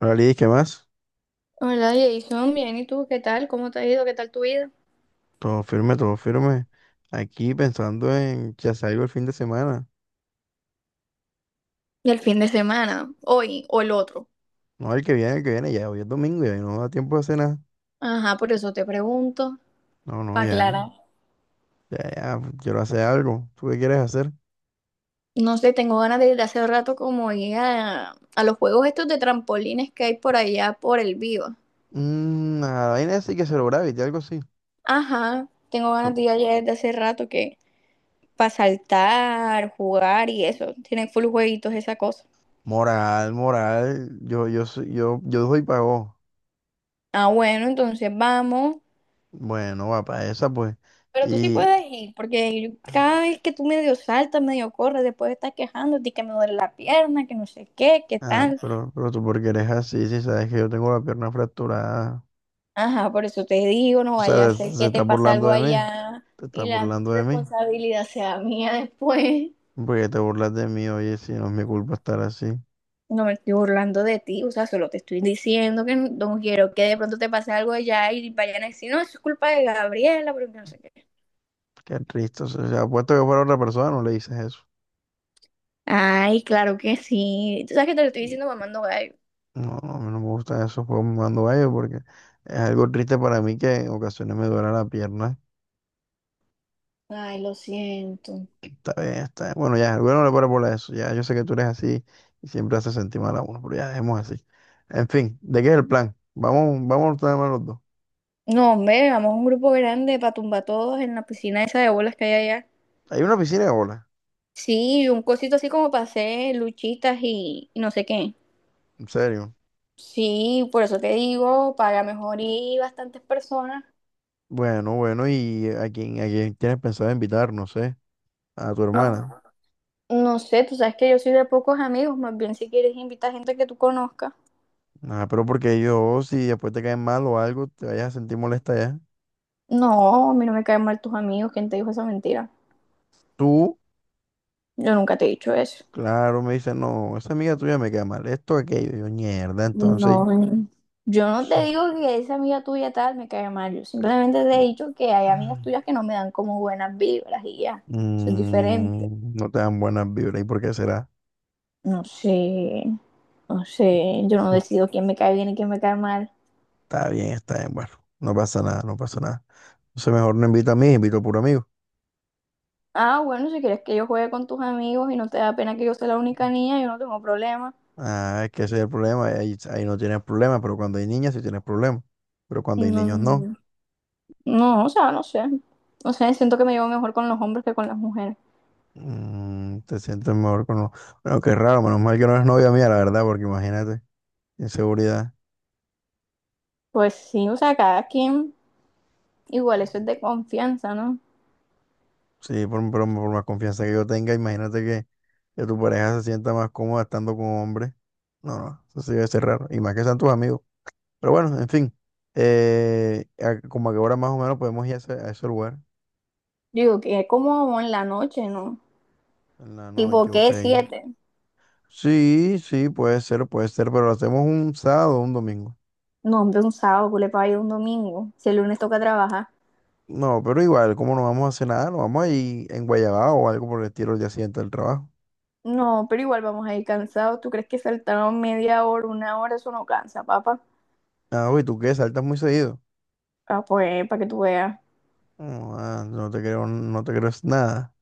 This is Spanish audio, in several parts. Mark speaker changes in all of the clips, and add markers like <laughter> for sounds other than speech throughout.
Speaker 1: Hola, ¿qué más?
Speaker 2: Hola Jason, bien, ¿y tú qué tal? ¿Cómo te ha ido? ¿Qué tal tu vida?
Speaker 1: Todo firme, todo firme. Aquí pensando en que salgo el fin de semana.
Speaker 2: ¿Y el fin de semana? ¿Hoy o el otro?
Speaker 1: No, el que viene, ya hoy es domingo ya y no da tiempo de hacer nada.
Speaker 2: Ajá, por eso te pregunto,
Speaker 1: No, no,
Speaker 2: para
Speaker 1: ya,
Speaker 2: aclarar.
Speaker 1: ya, ya, quiero hacer algo. ¿Tú qué quieres hacer?
Speaker 2: No sé, tengo ganas de ir hace rato como ir a los juegos estos de trampolines que hay por allá por el Viva.
Speaker 1: Mmm, la vaina esa hay que celebrar, y algo así.
Speaker 2: Ajá, tengo ganas de ir allá desde hace rato que para saltar, jugar y eso. Tienen full jueguitos, esa cosa.
Speaker 1: Moral, moral, yo doy pago.
Speaker 2: Ah, bueno, entonces vamos.
Speaker 1: Bueno, va para esa, pues.
Speaker 2: Pero tú sí
Speaker 1: Y,
Speaker 2: puedes ir, porque cada vez que tú medio saltas, medio corres, después estás quejándote que me duele la pierna, que no sé qué, qué
Speaker 1: ah,
Speaker 2: tal.
Speaker 1: pero tú porque eres así, si sabes que yo tengo la pierna fracturada.
Speaker 2: Ajá, por eso te digo, no
Speaker 1: O
Speaker 2: vaya a
Speaker 1: sea,
Speaker 2: ser
Speaker 1: se
Speaker 2: que
Speaker 1: está
Speaker 2: te pase
Speaker 1: burlando
Speaker 2: algo
Speaker 1: de mí.
Speaker 2: allá
Speaker 1: Te está
Speaker 2: y la
Speaker 1: burlando de mí.
Speaker 2: responsabilidad sea mía después.
Speaker 1: Porque te burlas de mí, oye, si no es mi culpa estar así.
Speaker 2: No me estoy burlando de ti, o sea, solo te estoy diciendo que no, no quiero que de pronto te pase algo allá y vayan a decir, no, eso es culpa de Gabriela, porque no sé qué.
Speaker 1: Qué triste. O sea, si apuesto que fuera otra persona, no le dices eso.
Speaker 2: Ay, claro que sí. Tú sabes que te lo estoy diciendo mamando gallo.
Speaker 1: No, no, a mí no me gustan esos juegos cuando vaya porque es algo triste para mí que en ocasiones me duela la pierna.
Speaker 2: Ay, lo siento.
Speaker 1: Está bien, está bien. Bueno, ya, bueno, no le paro por eso. Ya, yo sé que tú eres así y siempre haces sentir mal a uno, pero ya dejemos así. En fin, ¿de qué es el plan? Vamos, vamos a estar mal los dos.
Speaker 2: No, hombre, vamos a un grupo grande para tumbar todos en la piscina esa de bolas que hay allá.
Speaker 1: Hay una piscina de bola,
Speaker 2: Sí, un cosito así como para hacer luchitas y no sé qué.
Speaker 1: en serio.
Speaker 2: Sí, por eso te digo, para mejor ir bastantes personas.
Speaker 1: Bueno, bueno, ¿y a quién tienes pensado invitar? No sé, a tu hermana.
Speaker 2: Ah. No sé, tú sabes que yo soy de pocos amigos, más bien si quieres invitar gente que tú conozcas.
Speaker 1: Ah, pero porque yo, si después te caen mal o algo, te vayas a sentir molesta ya.
Speaker 2: No, a mí no me caen mal tus amigos, ¿quién te dijo esa mentira?
Speaker 1: Tú,
Speaker 2: Yo nunca te he dicho eso.
Speaker 1: claro, me dices, no, esa amiga tuya me cae mal, esto, aquello. Yo, mierda, entonces.
Speaker 2: No, yo no te
Speaker 1: <sniffs>
Speaker 2: digo que esa amiga tuya tal me cae mal, yo simplemente te he dicho que hay amigas tuyas que no me dan como buenas vibras y ya, eso es diferente.
Speaker 1: No te dan buenas vibras. ¿Y por qué será?
Speaker 2: No sé, no sé, yo no
Speaker 1: <laughs>
Speaker 2: decido quién me cae bien y quién me cae mal.
Speaker 1: Está bien, bueno. No pasa nada, no pasa nada. Entonces mejor no invita a mí, invito a puro amigo.
Speaker 2: Ah, bueno, si quieres que yo juegue con tus amigos y no te da pena que yo sea la única niña, yo no tengo problema.
Speaker 1: Ah, es que ese es el problema. Ahí, ahí no tienes problema, pero cuando hay niñas sí tienes problema. Pero cuando hay
Speaker 2: No,
Speaker 1: niños no.
Speaker 2: no, o sea, no sé, no sé, siento que me llevo mejor con los hombres que con las mujeres.
Speaker 1: Mm, te sientes mejor con... Bueno, qué raro, menos mal que no es novia mía, la verdad, porque imagínate, inseguridad.
Speaker 2: Pues sí, o sea, cada quien, igual eso es de confianza, ¿no?
Speaker 1: Sí, por más confianza que yo tenga, imagínate que tu pareja se sienta más cómoda estando con hombres. No, no, eso sí debe ser raro. Y más que sean tus amigos. Pero bueno, en fin. Como a qué hora más o menos podemos ir a ese lugar.
Speaker 2: Digo, que es como en la noche, ¿no?
Speaker 1: En la noche,
Speaker 2: Tipo,
Speaker 1: ok.
Speaker 2: ¿qué? ¿Siete?
Speaker 1: Sí, sí, puede ser, pero lo hacemos un sábado o un domingo.
Speaker 2: No, hombre, un sábado, ¿qué le paga ir un domingo? Si el lunes toca trabajar.
Speaker 1: No, pero igual, como no vamos a hacer nada, nos vamos a ir en Guayabao o algo por el estilo el día siguiente del trabajo.
Speaker 2: No, pero igual vamos a ir cansados. ¿Tú crees que saltaron media hora, una hora? Eso no cansa, papá.
Speaker 1: Ah, uy, ¿tú qué? ¿Saltas muy seguido?
Speaker 2: Ah, pues, para que tú veas.
Speaker 1: No, ah, no te creo, no te creo nada.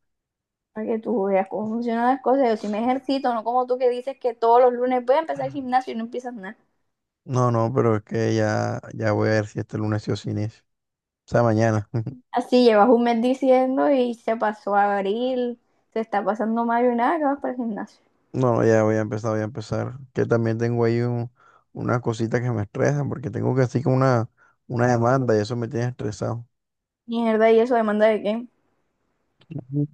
Speaker 2: Para que tú veas cómo funcionan las cosas. Yo sí me ejercito, no como tú que dices que todos los lunes voy a empezar el gimnasio y no empiezas nada.
Speaker 1: No, no, pero es que ya, ya voy a ver si este lunes sí o sí inicio. O sea, mañana. <laughs>
Speaker 2: Así llevas un mes diciendo y se pasó abril, se está pasando mayo y nada, que vas para el gimnasio.
Speaker 1: No, ya voy a empezar, voy a empezar. Que también tengo ahí unas cositas que me estresan, porque tengo que así como una demanda y eso me tiene estresado.
Speaker 2: Mierda, ¿y eso demanda de qué?
Speaker 1: Ujú.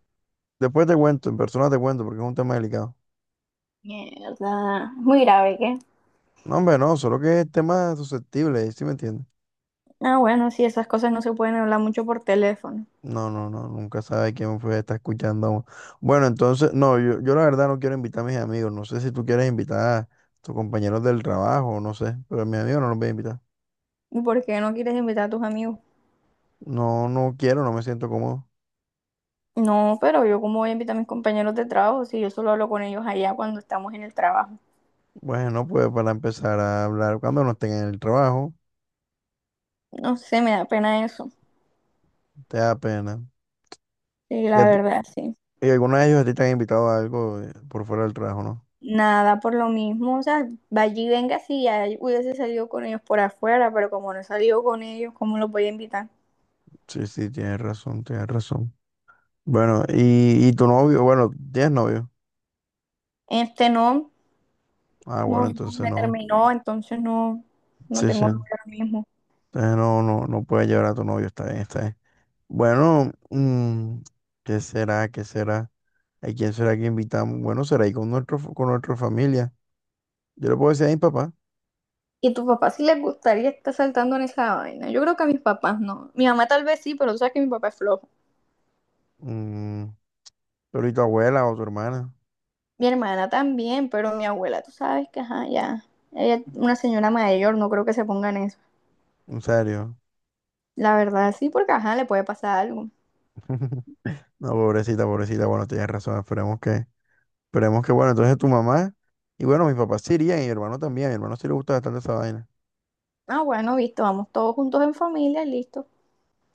Speaker 1: Después te cuento, en persona te cuento, porque es un tema delicado.
Speaker 2: Mierda. Muy grave, ¿qué?
Speaker 1: No, hombre, no, solo que es tema susceptible, ¿sí me entiendes?
Speaker 2: Ah, bueno, sí, esas cosas no se pueden hablar mucho por teléfono.
Speaker 1: No, no, no, nunca sabe quién fue, está escuchando. Aún. Bueno, entonces, no, yo la verdad no quiero invitar a mis amigos. No sé si tú quieres invitar a tus compañeros del trabajo, no sé, pero a mis amigos no los voy a invitar.
Speaker 2: ¿Y por qué no quieres invitar a tus amigos?
Speaker 1: No, no quiero, no me siento cómodo.
Speaker 2: No, pero yo cómo voy a invitar a mis compañeros de trabajo si yo solo hablo con ellos allá cuando estamos en el trabajo.
Speaker 1: Bueno, pues para empezar a hablar, cuando no estén en el trabajo,
Speaker 2: No sé, me da pena eso.
Speaker 1: te da pena.
Speaker 2: Sí,
Speaker 1: ¿Y,
Speaker 2: la verdad, sí.
Speaker 1: y alguno de ellos a ti te han invitado a algo por fuera del trabajo, no?
Speaker 2: Nada por lo mismo, o sea, vaya y venga si ya hubiese salido con ellos por afuera, pero como no he salido con ellos, ¿cómo los voy a invitar?
Speaker 1: Sí, sí, tienes razón, tienes razón. Bueno, y tu novio, bueno, ¿tienes novio?
Speaker 2: Este no,
Speaker 1: Ah, bueno,
Speaker 2: no, no
Speaker 1: entonces
Speaker 2: me
Speaker 1: no.
Speaker 2: terminó, entonces no, no
Speaker 1: Sí, sí.
Speaker 2: tengo novio mismo.
Speaker 1: Ah, no, no, no puedes llevar a tu novio, está bien, está bien. Bueno, mm, ¿qué será? ¿Qué será? ¿A quién será que invitamos? Bueno, será ahí con nuestro, con nuestra familia. Yo le puedo decir a mi papá,
Speaker 2: ¿Y tu papá sí les gustaría estar saltando en esa vaina? Yo creo que a mis papás no. Mi mamá tal vez sí, pero tú sabes que mi papá es flojo.
Speaker 1: mm, pero ¿y tu abuela o tu hermana?
Speaker 2: Mi hermana también, pero mi abuela, tú sabes que, ajá, ya. Ella es una señora mayor, no creo que se pongan eso.
Speaker 1: En serio.
Speaker 2: La verdad sí, porque, ajá, le puede pasar algo.
Speaker 1: <laughs> No, pobrecita, pobrecita, bueno, tienes razón, esperemos que, bueno, entonces tu mamá, y bueno, mis papás sí irían, y mi hermano también, a mi hermano sí le gusta bastante esa vaina.
Speaker 2: Ah, bueno, visto, vamos todos juntos en familia, y listo.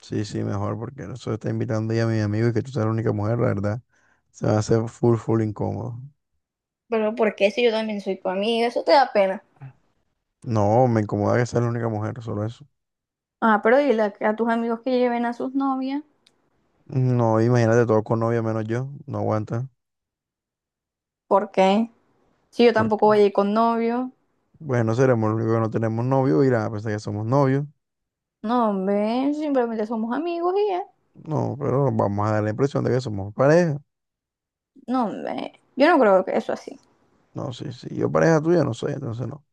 Speaker 1: Sí, sí, mejor, porque eso está invitando ya a mi amigo y que tú seas la única mujer, la verdad, se va a hacer full, full incómodo.
Speaker 2: Pero ¿por qué si yo también soy tu amiga? Eso te da pena.
Speaker 1: No, me incomoda que sea la única mujer, solo eso.
Speaker 2: Ah, pero dile a tus amigos que lleven a sus novias.
Speaker 1: No, imagínate todo con novia menos yo, no aguanta.
Speaker 2: ¿Por qué? Si yo
Speaker 1: Porque,
Speaker 2: tampoco voy a ir con novio.
Speaker 1: bueno, seremos los únicos que no tenemos novio, irán a pensar que somos novios.
Speaker 2: No, hombre, simplemente somos amigos y ya.
Speaker 1: No, pero vamos a dar la impresión de que somos pareja.
Speaker 2: No, hombre, yo no creo que eso así.
Speaker 1: No, sí, sí, yo pareja tuya no soy, entonces no.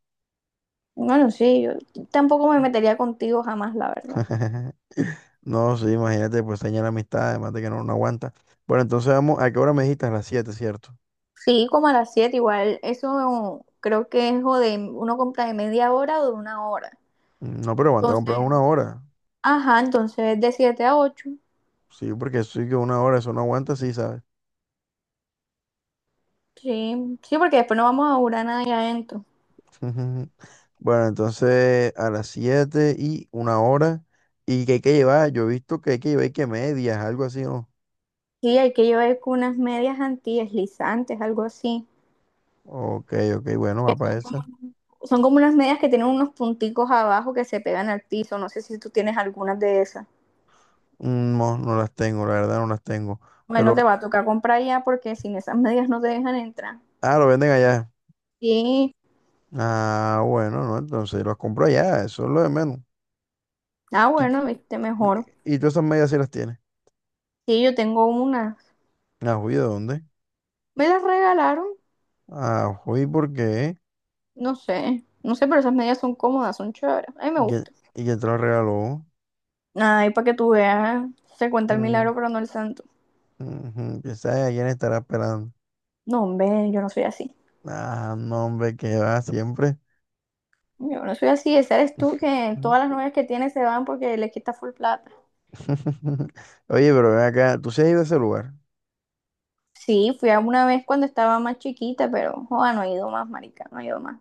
Speaker 2: Bueno, sí, yo tampoco me metería contigo jamás, la verdad.
Speaker 1: <laughs> No, sí, imagínate, pues daña la amistad, además de que no, no aguanta. Bueno, entonces vamos, ¿a qué hora me dijiste? A las 7, ¿cierto?
Speaker 2: Sí, como a las 7 igual, eso creo que es o de uno compra de media hora o de una hora.
Speaker 1: Mm, no, pero aguanta comprar una
Speaker 2: Entonces,
Speaker 1: hora.
Speaker 2: ajá, entonces de 7 a 8.
Speaker 1: Sí, porque sí que una hora, eso no aguanta, sí, ¿sabes?
Speaker 2: Sí, sí, porque después no vamos a durar nada ahí adentro.
Speaker 1: Ujú. Bueno, entonces a las 7 y una hora. ¿Y que hay que llevar? Yo he visto que hay que llevar y que medias, algo así, ¿no?
Speaker 2: Sí, hay que llevar con unas medias antideslizantes, algo así.
Speaker 1: Ok, ok, bueno, va para esa.
Speaker 2: Son como unas medias que tienen unos punticos abajo que se pegan al piso. No sé si tú tienes algunas de esas.
Speaker 1: Mm, no, no las tengo, la verdad no las tengo.
Speaker 2: Bueno,
Speaker 1: Pero,
Speaker 2: te va a tocar comprar ya porque sin esas medias no te dejan entrar.
Speaker 1: ah, lo venden allá.
Speaker 2: Sí,
Speaker 1: Ah, bueno, no, entonces los compro allá, eso es lo de menos.
Speaker 2: ah,
Speaker 1: Y,
Speaker 2: bueno, viste mejor.
Speaker 1: y todas esas medias sí las tienes.
Speaker 2: Sí, yo tengo una.
Speaker 1: Ah, juy, ¿de dónde?
Speaker 2: Me las regalaron,
Speaker 1: Ah, juy, ¿por qué?
Speaker 2: no sé, no sé, pero esas medias son cómodas, son chéveres. A mí me
Speaker 1: ¿Y quién
Speaker 2: gustan.
Speaker 1: y quién te las regaló?
Speaker 2: Ay, para que tú veas, se cuenta el
Speaker 1: Mm,
Speaker 2: milagro, pero no el santo.
Speaker 1: ujú, ¿quién sabe a quién estará esperando?
Speaker 2: No, hombre, yo no soy así.
Speaker 1: Ah, no, hombre, que va siempre.
Speaker 2: Yo no soy así, ese eres tú que todas las
Speaker 1: <laughs>
Speaker 2: novias que tienes se van porque le quitas full plata.
Speaker 1: Oye, pero ven acá, tú sí has ido a ese lugar.
Speaker 2: Sí, fui a una vez cuando estaba más chiquita, pero joda, no he ido más, marica, no he ido más.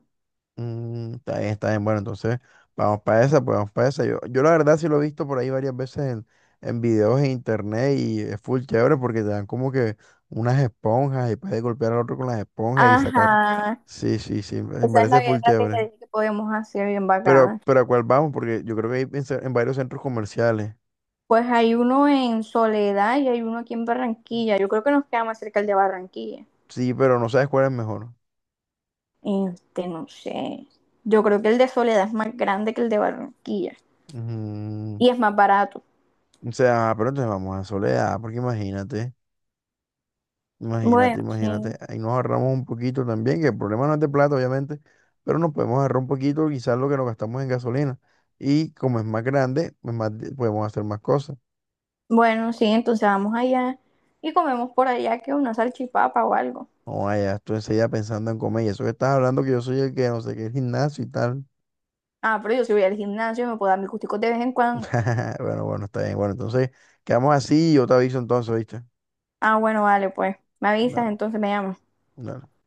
Speaker 1: Mm, está bien, está bien. Bueno, entonces, vamos para esa, pues vamos para esa. Yo la verdad sí lo he visto por ahí varias veces en videos en internet y es full chévere porque te dan como que unas esponjas y puedes golpear al otro con las esponjas y sacar.
Speaker 2: Ajá,
Speaker 1: Sí, sí, sí, me
Speaker 2: esa es
Speaker 1: parece
Speaker 2: la
Speaker 1: full
Speaker 2: guerra que te
Speaker 1: chévere.
Speaker 2: dije que podíamos hacer bien bacana.
Speaker 1: Pero ¿a cuál vamos? Porque yo creo que hay en varios centros comerciales.
Speaker 2: Pues hay uno en Soledad y hay uno aquí en Barranquilla. Yo creo que nos queda más cerca el de Barranquilla.
Speaker 1: Sí, pero no sabes cuál es mejor.
Speaker 2: Este, no sé. Yo creo que el de Soledad es más grande que el de Barranquilla
Speaker 1: Mm,
Speaker 2: y es más barato.
Speaker 1: o sea, pero entonces vamos a Soledad, porque imagínate,
Speaker 2: Bueno,
Speaker 1: imagínate, imagínate.
Speaker 2: sí.
Speaker 1: Ahí nos ahorramos un poquito también, que el problema no es de plata, obviamente, pero nos podemos ahorrar un poquito quizás lo que nos gastamos en gasolina. Y como es más grande, pues podemos hacer más cosas.
Speaker 2: Bueno, sí, entonces vamos allá y comemos por allá que una salchipapa o algo.
Speaker 1: No vaya, tú enseguida pensando en comer. Y eso que estás hablando que yo soy el que no sé qué, el gimnasio y tal.
Speaker 2: Ah, pero yo si voy al gimnasio me puedo dar mis gusticos de vez en cuando.
Speaker 1: <laughs> Bueno, bueno, está bien. Bueno, entonces quedamos así y yo te aviso entonces, ¿viste?
Speaker 2: Ah, bueno, vale, pues. Me avisas,
Speaker 1: Claro,
Speaker 2: entonces me llamas.
Speaker 1: claro.